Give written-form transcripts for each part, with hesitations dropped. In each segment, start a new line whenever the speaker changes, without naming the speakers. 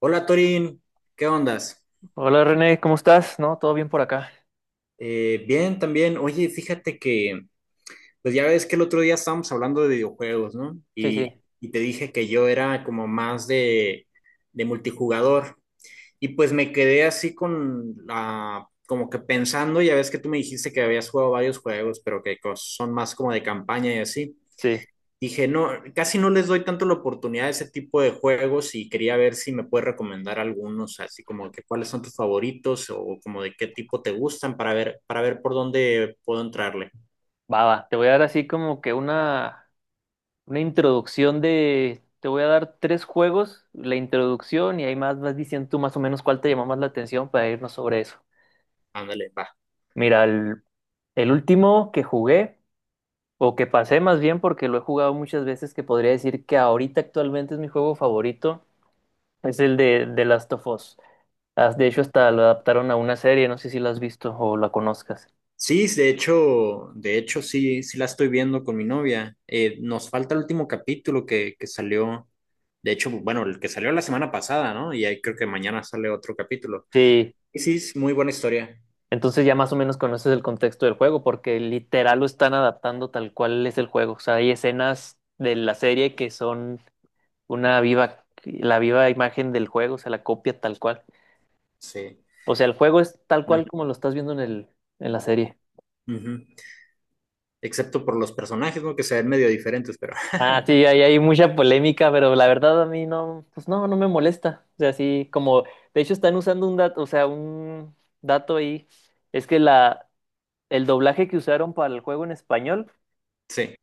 Hola Torín, ¿qué ondas?
Hola René, ¿cómo estás? ¿No? ¿Todo bien por acá?
Bien, también. Oye, fíjate que, pues ya ves que el otro día estábamos hablando de videojuegos, ¿no?
Sí,
Y,
sí,
y te dije que yo era como más de multijugador. Y pues me quedé así con la, como que pensando, ya ves que tú me dijiste que habías jugado varios juegos, pero que son más como de campaña y así.
sí.
Dije, no, casi no les doy tanto la oportunidad a ese tipo de juegos y quería ver si me puedes recomendar algunos, así como que cuáles son tus favoritos o como de qué tipo te gustan para ver por dónde puedo entrarle.
Va, va. Te voy a dar así como que una introducción de... Te voy a dar tres juegos, la introducción y ahí más vas diciendo tú más o menos cuál te llamó más la atención para irnos sobre eso.
Ándale, va.
Mira, el último que jugué, o que pasé más bien porque lo he jugado muchas veces, que podría decir que ahorita actualmente es mi juego favorito, es el de Last of Us. Ah, de hecho, hasta lo adaptaron a una serie, no sé si la has visto o la conozcas.
Sí, de hecho sí, sí la estoy viendo con mi novia. Nos falta el último capítulo que salió. De hecho, bueno, el que salió la semana pasada, ¿no? Y ahí creo que mañana sale otro capítulo.
Sí,
Y sí, es muy buena historia.
entonces ya más o menos conoces el contexto del juego, porque literal lo están adaptando tal cual es el juego. O sea, hay escenas de la serie que son una viva, la viva imagen del juego, o sea, la copia tal cual.
Sí.
O sea, el juego es tal
No.
cual como lo estás viendo en el, en la serie.
Ujú. Excepto por los personajes, ¿no? Que se ven medio diferentes, pero
Ah, sí, ahí hay mucha polémica, pero la verdad a mí no, pues no, no me molesta. O sea, sí, como, de hecho están usando un dato, o sea, un dato ahí, es que la, el doblaje que usaron para el juego en español
Sí.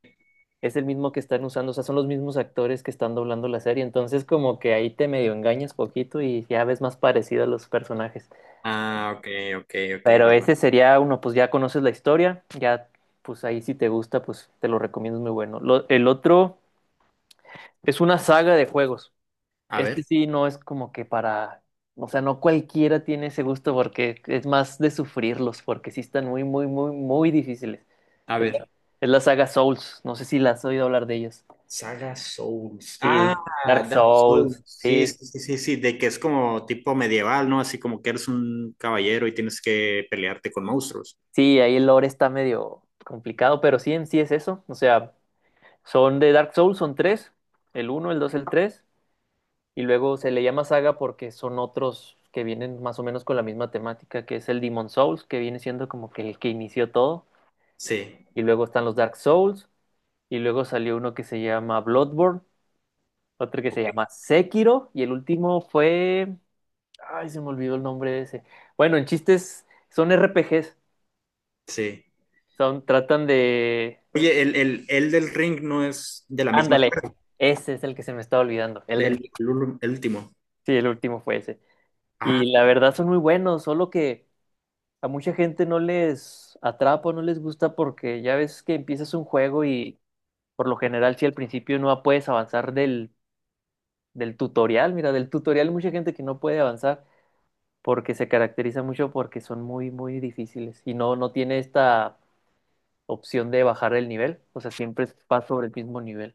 es el mismo que están usando, o sea, son los mismos actores que están doblando la serie, entonces como que ahí te medio engañas poquito y ya ves más parecido a los personajes.
Ah, ok, ok, ok,
Pero
va.
ese sería uno, pues ya conoces la historia, ya pues ahí si te gusta, pues te lo recomiendo, es muy bueno. El otro es una saga de juegos.
A
Este
ver,
sí no es como que para, o sea, no cualquiera tiene ese gusto porque es más de sufrirlos, porque sí están muy, muy, muy, muy difíciles.
a
Es la,
ver.
es la saga Souls, no sé si la has oído hablar de ellas.
Saga Souls. Ah,
Sí, Dark
Dark Souls.
Souls,
Sí,
sí,
sí, sí, sí, sí, de que es como tipo medieval, ¿no? Así como que eres un caballero y tienes que pelearte con monstruos.
sí, ahí el lore está medio complicado, pero sí en sí es eso, o sea, son de Dark Souls, son tres, el uno, el dos, el tres, y luego se le llama saga porque son otros que vienen más o menos con la misma temática, que es el Demon Souls, que viene siendo como que el que inició todo,
Sí,
y luego están los Dark Souls, y luego salió uno que se llama Bloodborne, otro que se
ok,
llama Sekiro, y el último fue, ay, se me olvidó el nombre de ese, bueno, en chistes son RPGs.
sí.
Son, tratan de...
Oye, el del ring no es de la misma
Ándale,
saga,
ese es el que se me estaba olvidando. El de...
el, el último.
Sí, el último fue ese.
Ah,
Y la verdad son muy buenos, solo que a mucha gente no les atrapa, no les gusta porque ya ves que empiezas un juego y por lo general si al principio no puedes avanzar del, tutorial, mira, del tutorial hay mucha gente que no puede avanzar porque se caracteriza mucho porque son muy, muy difíciles y no, no tiene esta opción de bajar el nivel, o sea, siempre vas sobre el mismo nivel.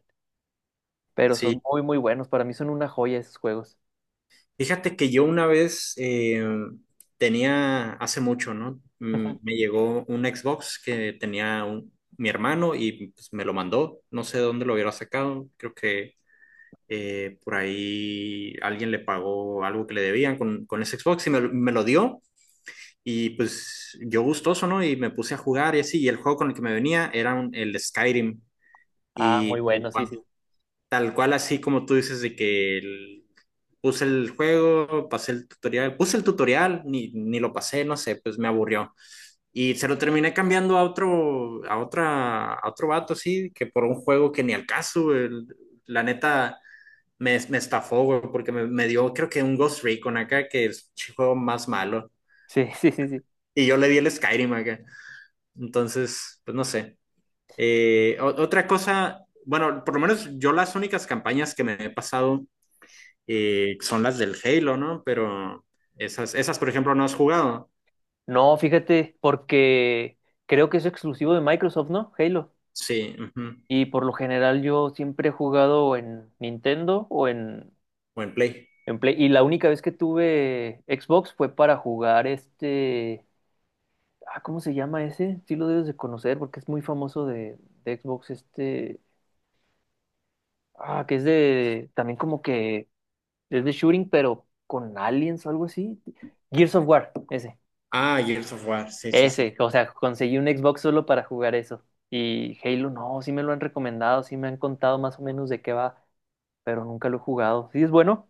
Pero son
sí.
muy, muy buenos. Para mí son una joya esos juegos.
Fíjate que yo una vez tenía, hace mucho, ¿no? Me llegó un Xbox que tenía mi hermano y pues, me lo mandó. No sé de dónde lo hubiera sacado. Creo que por ahí alguien le pagó algo que le debían con ese Xbox y me lo dio. Y pues yo gustoso, ¿no? Y me puse a jugar y así. Y el juego con el que me venía era el Skyrim.
Ah,
Y
muy
pues,
buenos, sí, sí.
tal cual así como tú dices de que puse el juego, pasé el tutorial, puse el tutorial, ni lo pasé, no sé, pues me aburrió. Y se lo terminé cambiando a otro, a otra, a otro vato así, que por un juego que ni al caso, güey. La neta me estafó, güey, porque me dio creo que un Ghost Recon acá, que es el juego más malo.
Sí, sí, sí, sí.
Y yo le di el Skyrim acá. Entonces, pues no sé. Otra cosa, bueno, por lo menos yo las únicas campañas que me he pasado son las del Halo, ¿no? Pero esas, por ejemplo, no has jugado.
No, fíjate, porque creo que es exclusivo de Microsoft, ¿no? Halo.
Sí, ujú.
Y por lo general yo siempre he jugado en Nintendo o en,
Buen play.
en Play. Y la única vez que tuve Xbox fue para jugar este... Ah, ¿cómo se llama ese? Sí lo debes de conocer porque es muy famoso de Xbox este... Ah, que es de... También como que es de shooting, pero con aliens o algo así. Gears of War, ese.
Ah, Gears of War, sí, sí, sí.
Ese, o sea, conseguí un Xbox solo para jugar eso. Y Halo, no, sí me lo han recomendado, sí me han contado más o menos de qué va, pero nunca lo he jugado. Sí, es bueno.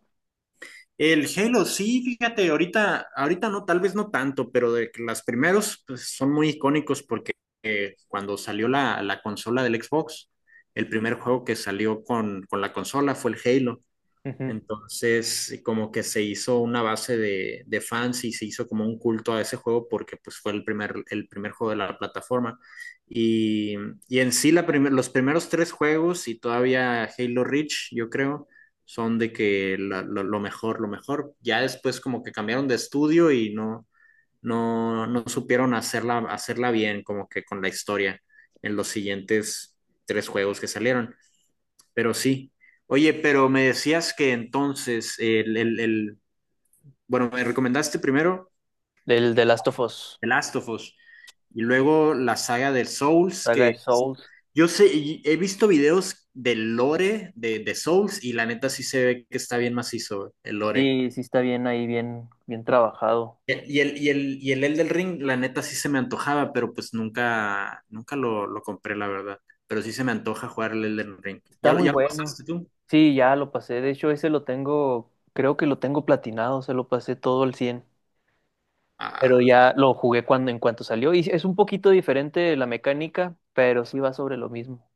El Halo, sí, fíjate, ahorita, ahorita no, tal vez no tanto, pero de que los primeros pues, son muy icónicos porque cuando salió la consola del Xbox, el primer juego que salió con la consola fue el Halo.
Ujú.
Entonces, como que se hizo una base de fans y se hizo como un culto a ese juego porque pues fue el primer juego de la plataforma. Y, y en sí los primeros tres juegos y todavía Halo Reach, yo creo, son de que lo mejor, lo mejor. Ya después como que cambiaron de estudio y no supieron hacerla, hacerla bien, como que con la historia en los siguientes tres juegos que salieron. Pero sí. Oye, pero me decías que entonces bueno, me recomendaste primero
Del The Last of Us,
The Last of Us y luego la saga del Souls,
saga de
que sí.
Souls.
Yo sé, y he visto videos del lore de Souls y la neta sí se ve que está bien macizo el lore.
Sí, sí está bien ahí, bien, bien trabajado.
Y el Elden Ring, la neta sí se me antojaba, pero pues nunca, nunca lo compré, la verdad. Pero sí se me antoja jugar el Elden Ring.
Está
¿Ya, lo-
muy
ya lo
bueno.
pasaste tú?
Sí, ya lo pasé. De hecho, ese lo tengo, creo que lo tengo platinado, se lo pasé todo al 100. Pero
Ah,
ya lo jugué cuando en cuanto salió y es un poquito diferente la mecánica, pero sí va sobre lo mismo.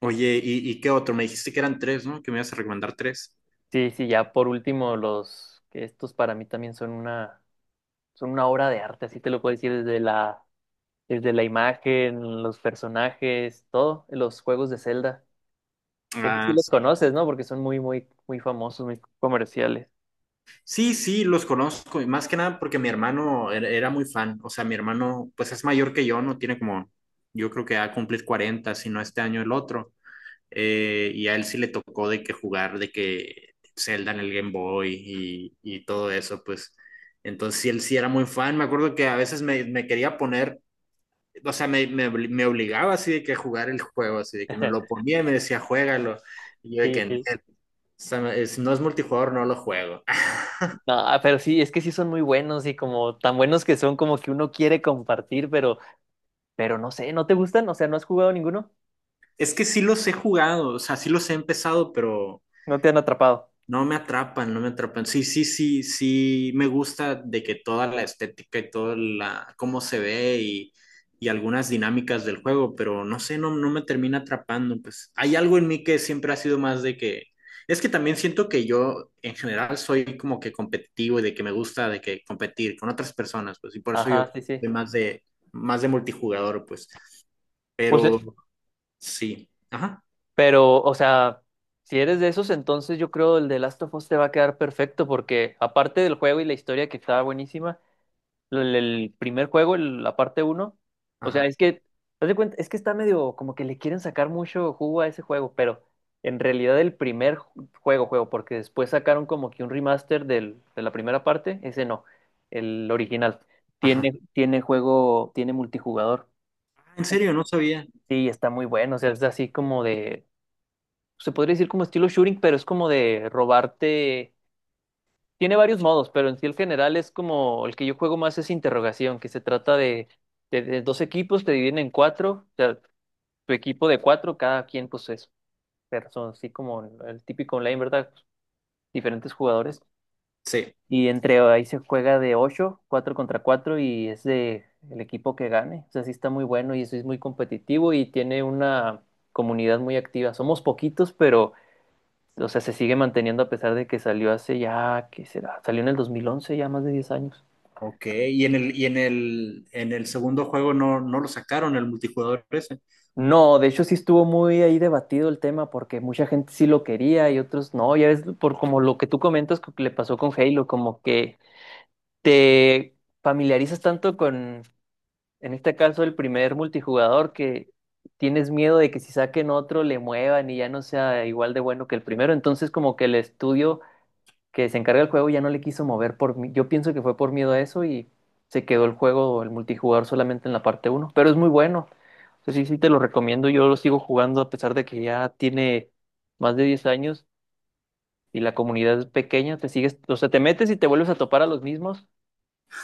oye, ¿y qué otro? Me dijiste que eran tres, ¿no? Que me ibas a recomendar tres.
Sí, sí, ya por último los que estos para mí también son una obra de arte, así te lo puedo decir desde la imagen, los personajes, todo, los juegos de Zelda. Estos sí
Ah,
los
sí.
conoces, ¿no? Porque son muy muy muy famosos, muy comerciales.
Sí, sí, los conozco. Y más que nada porque mi hermano era muy fan. O sea, mi hermano, pues es mayor que yo, ¿no? Tiene como, yo creo que va a cumplir 40 si no este año el otro. Y a él sí le tocó de que jugar, de que Zelda en el Game Boy y todo eso, pues. Entonces, sí, él sí era muy fan. Me acuerdo que a veces me quería poner. O sea, me obligaba así de que a jugar el juego, así de que me lo ponía y me decía, juégalo. Y yo de que,
Sí, sí.
O sea, si no es multijugador, no lo juego.
No, pero sí, es que sí son muy buenos y como tan buenos que son como que uno quiere compartir, pero no sé, ¿no te gustan? O sea, ¿no has jugado ninguno?
Es que sí los he jugado, o sea, sí los he empezado, pero
No te han atrapado.
No me atrapan, no me atrapan. Sí, sí, sí, sí, me gusta de que toda la estética y cómo se ve y algunas dinámicas del juego, pero no sé, no me termina atrapando. Pues hay algo en mí que siempre ha sido más de que, es que también siento que yo en general soy como que competitivo y de que me gusta de que competir con otras personas, pues, y por eso yo
Ajá, sí, sí.
soy más de multijugador, pues,
Pues,
pero sí, ajá,
pero, o sea, si eres de esos, entonces yo creo el de Last of Us te va a quedar perfecto, porque aparte del juego y la historia que estaba buenísima, el primer juego, la parte uno, o sea,
ajá,
es que, haz de cuenta, es que está medio como que le quieren sacar mucho jugo a ese juego, pero en realidad el primer juego, juego, porque después sacaron como que un remaster del, de la primera parte, ese no, el original.
ajá.
Tiene, tiene juego, tiene multijugador.
Ah, en serio, no sabía.
Sí, está muy bueno. O sea, es así como de. Se podría decir como estilo shooting, pero es como de robarte. Tiene varios modos, pero en sí el general es como el que yo juego más es interrogación, que se trata de, de dos equipos, te dividen en cuatro. O sea, tu equipo de cuatro, cada quien, pues es. Pero son así como el típico online, ¿verdad? Diferentes jugadores.
Sí.
Y entre ahí se juega de 8 4 contra 4 y es de el equipo que gane. O sea, sí está muy bueno y eso es muy competitivo y tiene una comunidad muy activa. Somos poquitos, pero o sea, se sigue manteniendo a pesar de que salió hace ya, ¿qué será? Salió en el 2011 ya más de 10 años.
Ok, y en el segundo juego no lo sacaron, el multijugador ese.
No, de hecho sí estuvo muy ahí debatido el tema porque mucha gente sí lo quería y otros no. Ya ves, por como lo que tú comentas que le pasó con Halo, como que te familiarizas tanto con en este caso, el primer multijugador que tienes miedo de que si saquen otro le muevan y ya no sea igual de bueno que el primero. Entonces, como que el estudio que se encarga del juego ya no le quiso mover por yo pienso que fue por miedo a eso y se quedó el juego, el multijugador solamente en la parte uno. Pero es muy bueno. O sea, sí, sí te lo recomiendo. Yo lo sigo jugando a pesar de que ya tiene más de 10 años y la comunidad es pequeña. Te sigues, o sea, te metes y te vuelves a topar a los mismos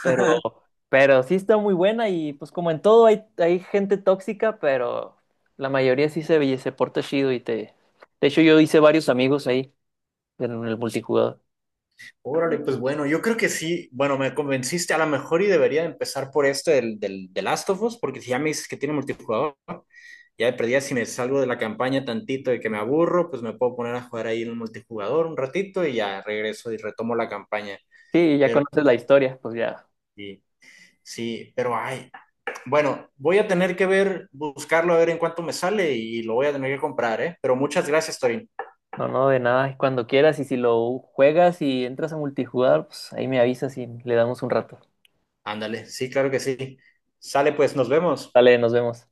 pero, pero sí está muy buena y pues como en todo hay gente tóxica, pero la mayoría sí se porta chido y te... De hecho, yo hice varios amigos ahí en el multijugador.
Órale, pues bueno, yo creo que sí. Bueno, me convenciste a lo mejor y debería empezar por este del Last of Us, porque si ya me dices que tiene multijugador, ya de perdida si me salgo de la campaña tantito y que me aburro, pues me puedo poner a jugar ahí en el multijugador un ratito y ya regreso y retomo la campaña.
Sí, ya
Pero
conoces la historia, pues ya.
sí, sí, pero ay, bueno, voy a tener que ver, buscarlo a ver en cuánto me sale y lo voy a tener que comprar, ¿eh? Pero muchas gracias, Torín.
No, no, de nada. Y cuando quieras y si lo juegas y entras a multijugador, pues ahí me avisas y le damos un rato.
Ándale, sí, claro que sí. Sale, pues, nos vemos.
Dale, nos vemos.